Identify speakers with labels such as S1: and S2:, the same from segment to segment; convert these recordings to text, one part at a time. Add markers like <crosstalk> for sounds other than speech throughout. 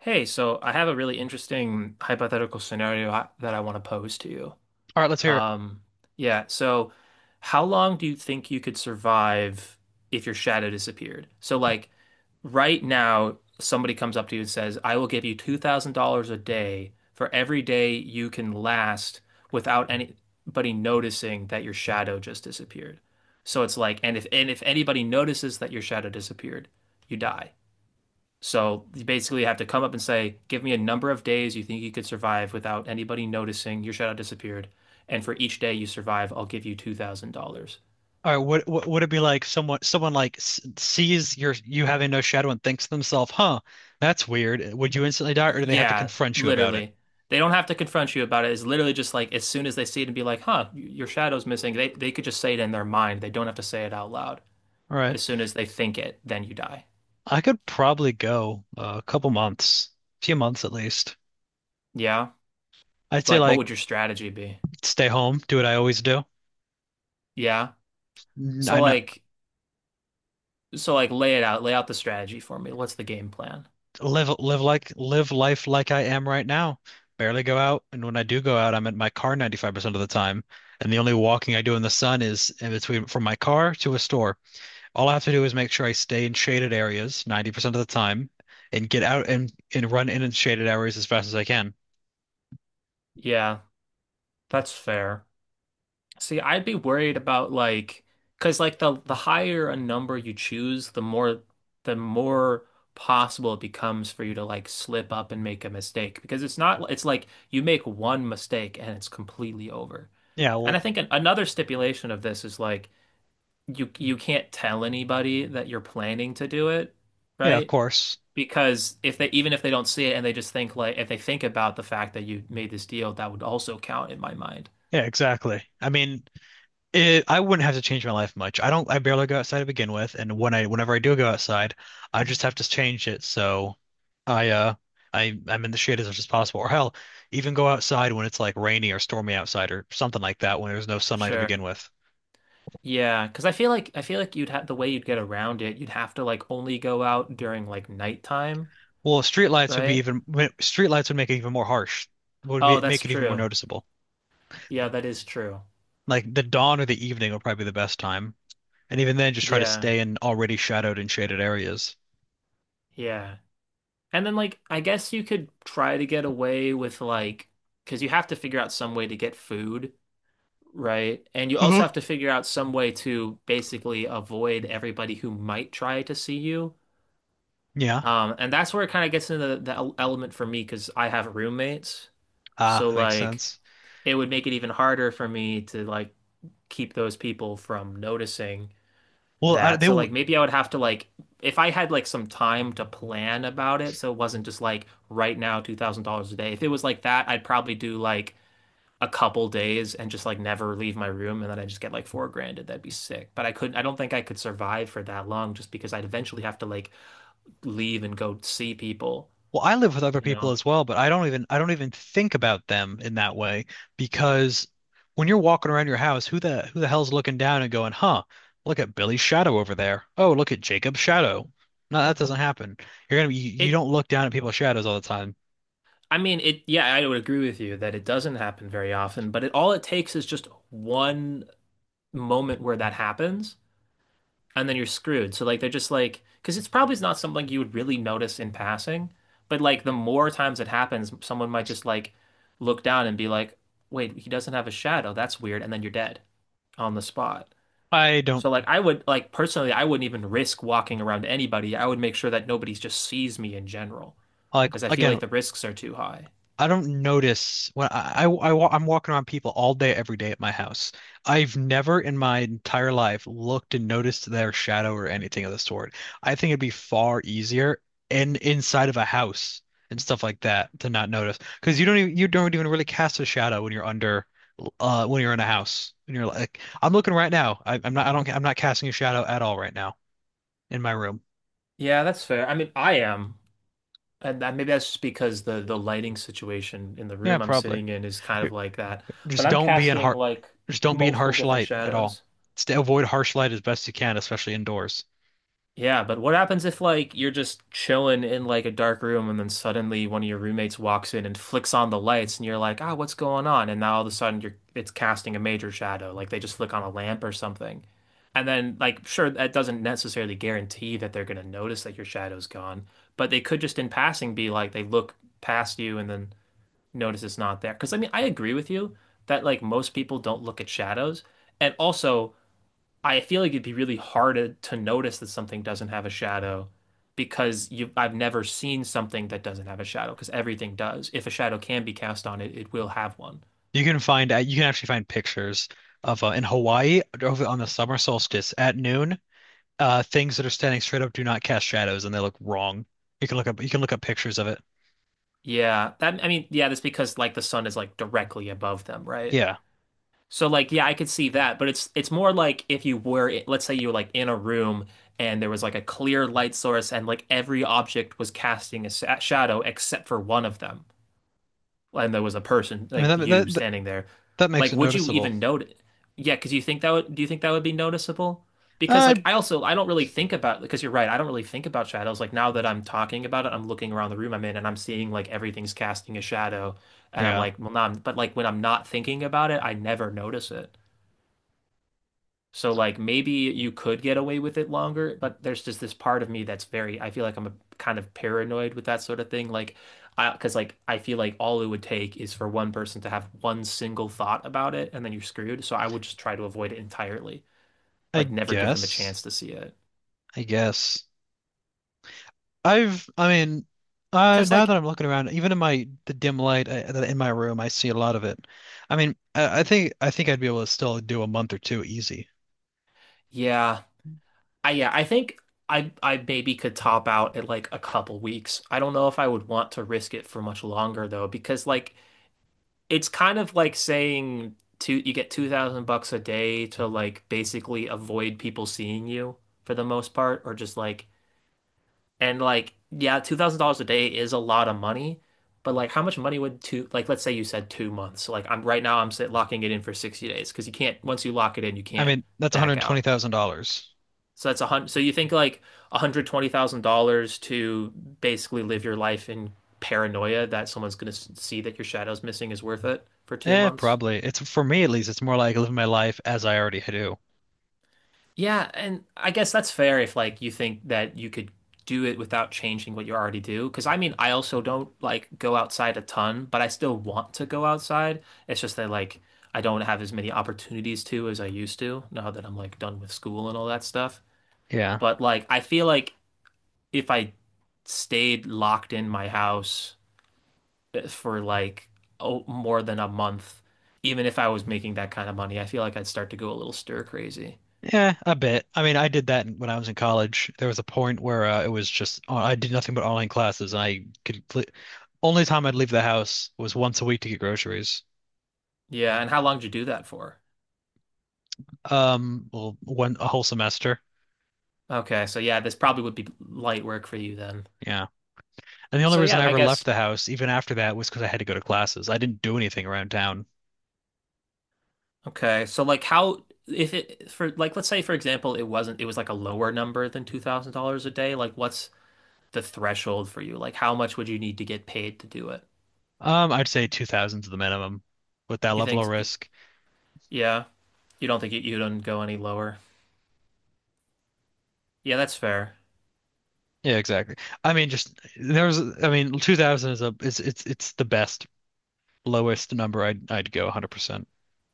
S1: Hey, so I have a really interesting hypothetical scenario that I want to pose to you.
S2: All right, let's hear it.
S1: Um, yeah, so how long do you think you could survive if your shadow disappeared? So, like, right now, somebody comes up to you and says, I will give you $2,000 a day for every day you can last without anybody noticing that your shadow just disappeared. So it's like, and if anybody notices that your shadow disappeared, you die. So you basically have to come up and say, give me a number of days you think you could survive without anybody noticing your shadow disappeared. And for each day you survive, I'll give you $2,000.
S2: All right, what would it be like? Someone, sees you having no shadow and thinks to themselves, "Huh, that's weird." Would you instantly die, or do they have to
S1: Yeah,
S2: confront you about it?
S1: literally. They don't have to confront you about it. It's literally just like as soon as they see it and be like, huh, your shadow's missing, they could just say it in their mind. They don't have to say it out loud.
S2: All right,
S1: As soon as they think it, then you die.
S2: I could probably go a couple months, few months at least.
S1: Yeah.
S2: I'd say
S1: Like, what
S2: like
S1: would your strategy be?
S2: stay home, do what I always do.
S1: Yeah.
S2: N-
S1: So
S2: I not
S1: like, so like, lay it out, lay out the strategy for me. What's the game plan?
S2: live life like I am right now. Barely go out, and when I do go out, I'm in my car 95% of the time, and the only walking I do in the sun is in between from my car to a store. All I have to do is make sure I stay in shaded areas 90% of the time and get out and run in and shaded areas as fast as I can.
S1: Yeah, that's fair. See, I'd be worried about like, because like the higher a number you choose, the more possible it becomes for you to like slip up and make a mistake. Because it's not, it's like you make one mistake and it's completely over.
S2: Yeah,
S1: And I
S2: well,
S1: think another stipulation of this is like you can't tell anybody that you're planning to do it,
S2: yeah, of
S1: right?
S2: course.
S1: Because if they even if they don't see it and they just think like if they think about the fact that you made this deal, that would also count in my mind.
S2: Yeah, exactly. I mean, I wouldn't have to change my life much. I don't, I barely go outside to begin with, and whenever I do go outside, I just have to change it so I, uh, I'm in the shade as much as possible. Or hell, even go outside when it's like rainy or stormy outside or something like that when there's no sunlight to
S1: Sure.
S2: begin with.
S1: Yeah, because I feel like you'd have the way you'd get around it, you'd have to like only go out during like nighttime,
S2: Well, street lights would be
S1: right?
S2: even, street lights would make it even more harsh.
S1: Oh, that's
S2: Make it even more
S1: true.
S2: noticeable.
S1: Yeah, that is true.
S2: Like the dawn or the evening would probably be the best time, and even then, just try to
S1: Yeah,
S2: stay in already shadowed and shaded areas.
S1: yeah. And then like I guess you could try to get away with like because you have to figure out some way to get food, right? And you also
S2: Uh-huh.
S1: have to figure out some way to basically avoid everybody who might try to see you.
S2: Yeah,
S1: And that's where it kind of gets into the element for me because I have roommates.
S2: ah,
S1: So
S2: that makes
S1: like
S2: sense.
S1: it would make it even harder for me to like keep those people from noticing
S2: Well, I,
S1: that.
S2: they
S1: So
S2: will.
S1: like maybe I would have to like if I had like some time to plan about it, so it wasn't just like right now $2,000 a day. If it was like that, I'd probably do like a couple days and just like never leave my room and then I just get like 4 grand that'd be sick. But I don't think I could survive for that long just because I'd eventually have to like leave and go see people,
S2: Well, I live with other
S1: you
S2: people
S1: know?
S2: as well, but I don't even think about them in that way because when you're walking around your house, who the hell's looking down and going, "Huh, look at Billy's shadow over there. Oh, look at Jacob's shadow." No, that doesn't happen. You're gonna be, you
S1: It,
S2: don't look down at people's shadows all the time.
S1: I mean, it, yeah, I would agree with you that it doesn't happen very often, but it all it takes is just one moment where that happens, and then you're screwed. So, like, they're just like, because it's probably not something you would really notice in passing, but like, the more times it happens, someone might just like look down and be like, wait, he doesn't have a shadow. That's weird. And then you're dead on the spot.
S2: I don't
S1: So, like, I would, like, personally, I wouldn't even risk walking around anybody. I would make sure that nobody just sees me in general,
S2: like
S1: because I feel
S2: again.
S1: like the risks are too high.
S2: I don't notice when I'm walking around people all day, every day at my house. I've never in my entire life looked and noticed their shadow or anything of the sort. I think it'd be far easier in inside of a house and stuff like that to not notice because you don't even really cast a shadow when you're under when you're in a house and you're like I'm looking right now. I'm not casting a shadow at all right now in my room.
S1: Yeah, that's fair. I mean, I am, and that maybe that's just because the lighting situation in the
S2: Yeah,
S1: room I'm
S2: probably.
S1: sitting in is kind of like that. But
S2: just
S1: I'm
S2: don't be in
S1: casting
S2: har
S1: like
S2: just don't be in
S1: multiple
S2: harsh
S1: different
S2: light at all.
S1: shadows.
S2: Stay, avoid harsh light as best you can, especially indoors.
S1: Yeah, but what happens if like you're just chilling in like a dark room and then suddenly one of your roommates walks in and flicks on the lights and you're like, "Ah, what's going on?" And now all of a sudden you're it's casting a major shadow, like they just flick on a lamp or something. And then like sure that doesn't necessarily guarantee that they're going to notice that your shadow's gone, but they could just in passing be like they look past you and then notice it's not there. 'Cause I mean, I agree with you that like most people don't look at shadows. And also I feel like it'd be really hard to notice that something doesn't have a shadow because you I've never seen something that doesn't have a shadow because everything does. If a shadow can be cast on it, it will have one.
S2: You can find you can actually find pictures of in Hawaii over on the summer solstice at noon. Things that are standing straight up do not cast shadows, and they look wrong. You can look up pictures of it.
S1: Yeah, that I mean, yeah, that's because like the sun is like directly above them, right?
S2: Yeah,
S1: So like yeah, I could see that, but it's more like if you were let's say you were like in a room and there was like a clear light source and like every object was casting a sa shadow except for one of them. And there was a person
S2: I
S1: like
S2: mean
S1: you standing there,
S2: that makes
S1: like
S2: it
S1: would you
S2: noticeable.
S1: even notice? Yeah, because you think that would do you think that would be noticeable? Because
S2: Uh,
S1: like I don't really think about because you're right, I don't really think about shadows. Like now that I'm talking about it, I'm looking around the room I'm in and I'm seeing like everything's casting a shadow and I'm
S2: yeah,
S1: like, well, nah, but like when I'm not thinking about it, I never notice it. So like maybe you could get away with it longer, but there's just this part of me that's very, I feel like I'm a, kind of paranoid with that sort of thing. Like because like I feel like all it would take is for one person to have one single thought about it and then you're screwed. So I would just try to avoid it entirely. Like
S2: I
S1: never give them a
S2: guess.
S1: chance to see it.
S2: I guess. I mean,
S1: Cause
S2: now
S1: like,
S2: that I'm looking around, even in my the dim light in my room, I see a lot of it. I mean, I think I'd be able to still do a month or two easy.
S1: yeah, yeah, I think I maybe could top out at like a couple weeks. I don't know if I would want to risk it for much longer though, because like it's kind of like saying two you get 2,000 bucks a day to like basically avoid people seeing you for the most part or just like and like yeah $2,000 a day is a lot of money but like how much money would two like let's say you said 2 months. So like I'm right now I'm sit locking it in for 60 days because you can't once you lock it in you
S2: I
S1: can't
S2: mean, that's
S1: back out
S2: $120,000.
S1: so that's a hundred so you think like $120,000 to basically live your life in paranoia that someone's going to see that your shadow's missing is worth it for two
S2: Eh,
S1: months
S2: probably. It's for me at least, it's more like living my life as I already do.
S1: Yeah, and I guess that's fair if like you think that you could do it without changing what you already do. Because I mean, I also don't like go outside a ton, but I still want to go outside. It's just that like I don't have as many opportunities to as I used to now that I'm like done with school and all that stuff.
S2: Yeah.
S1: But like I feel like if I stayed locked in my house, eh, for like oh, more than a month, even if I was making that kind of money, I feel like I'd start to go a little stir crazy.
S2: Yeah, a bit. I mean, I did that when I was in college. There was a point where it was just I did nothing but online classes. And I could only time I'd leave the house was once a week to get groceries.
S1: Yeah, and how long did you do that for?
S2: Well, one a whole semester.
S1: Okay, so yeah, this probably would be light work for you then.
S2: Yeah. And the only
S1: So
S2: reason
S1: yeah,
S2: I
S1: I
S2: ever left
S1: guess
S2: the house, even after that, was because I had to go to classes. I didn't do anything around town.
S1: okay. So like how if it for like let's say for example it wasn't it was like a lower number than $2,000 a day, like what's the threshold for you? Like how much would you need to get paid to do it?
S2: I'd say 2000's the minimum with that
S1: You
S2: level of
S1: think
S2: risk.
S1: yeah, you don't think you don't go any lower. Yeah, that's fair.
S2: Yeah, exactly. I mean, just there was. I mean, 2000 is a it's the best lowest number I'd go 100%.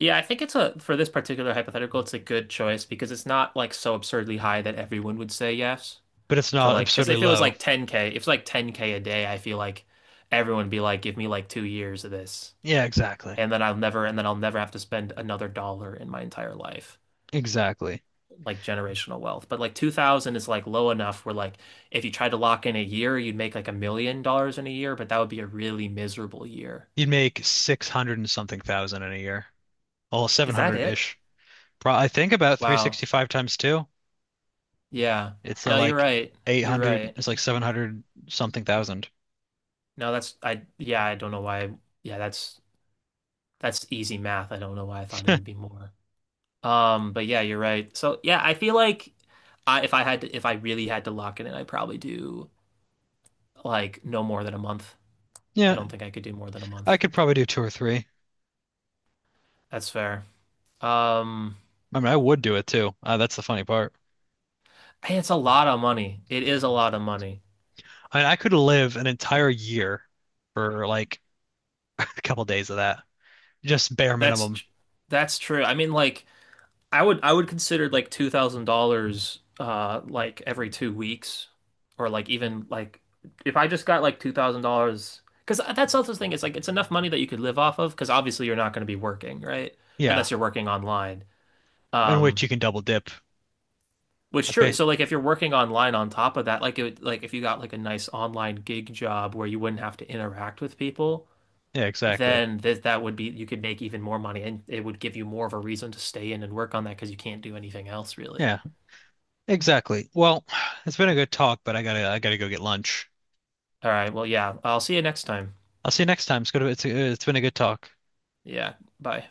S1: Yeah, I think it's a for this particular hypothetical, it's a good choice because it's not like so absurdly high that everyone would say yes.
S2: But it's
S1: To
S2: not
S1: like because
S2: absurdly
S1: if it was
S2: low.
S1: like 10K, if it's like 10K a day, I feel like everyone would be like, give me like 2 years of this.
S2: Yeah, exactly.
S1: And then I'll never have to spend another dollar in my entire life.
S2: Exactly.
S1: Like generational wealth. But like 2000 is like low enough where like if you tried to lock in a year, you'd make like $1 million in a year, but that would be a really miserable year.
S2: You'd make 600 and something thousand in a year. Well,
S1: Is that it?
S2: 700-ish. Pro I think about
S1: Wow.
S2: 365 times two.
S1: Yeah.
S2: It's
S1: No, you're
S2: like
S1: right. You're
S2: 800,
S1: right.
S2: it's like 700 something thousand.
S1: No, that's I yeah, I don't know why. Yeah, that's easy math. I don't know why I thought it would be more. But yeah, you're right. So yeah, I feel like I, if I had to, if I really had to lock it in, I'd probably do like no more than a month. I
S2: Yeah,
S1: don't think I could do more than a
S2: I
S1: month.
S2: could probably do two or three.
S1: That's fair. Um,
S2: I mean, I would do it too. That's the funny part.
S1: Hey, it's a lot of money. It is a lot of money.
S2: I mean, I could live an entire year for like <laughs> a couple days of that, just bare
S1: That's
S2: minimum.
S1: tr- that's true. I mean, like I would consider like $2,000 like every 2 weeks or like even like if I just got like $2,000 because that's also the thing it's like it's enough money that you could live off of because obviously you're not going to be working right
S2: Yeah,
S1: unless you're working online
S2: in which
S1: um
S2: you can double dip.
S1: which
S2: That's
S1: true
S2: ba-
S1: so like if you're working online on top of that like it would, like if you got like a nice online gig job where you wouldn't have to interact with people
S2: yeah, exactly.
S1: then this that would be you could make even more money and it would give you more of a reason to stay in and work on that because you can't do anything else really.
S2: Yeah, exactly. Well, <sighs> it's been a good talk, but I gotta go get lunch.
S1: All right. Well, yeah. I'll see you next time.
S2: I'll see you next time. It's good. It's been a good talk.
S1: Yeah. Bye.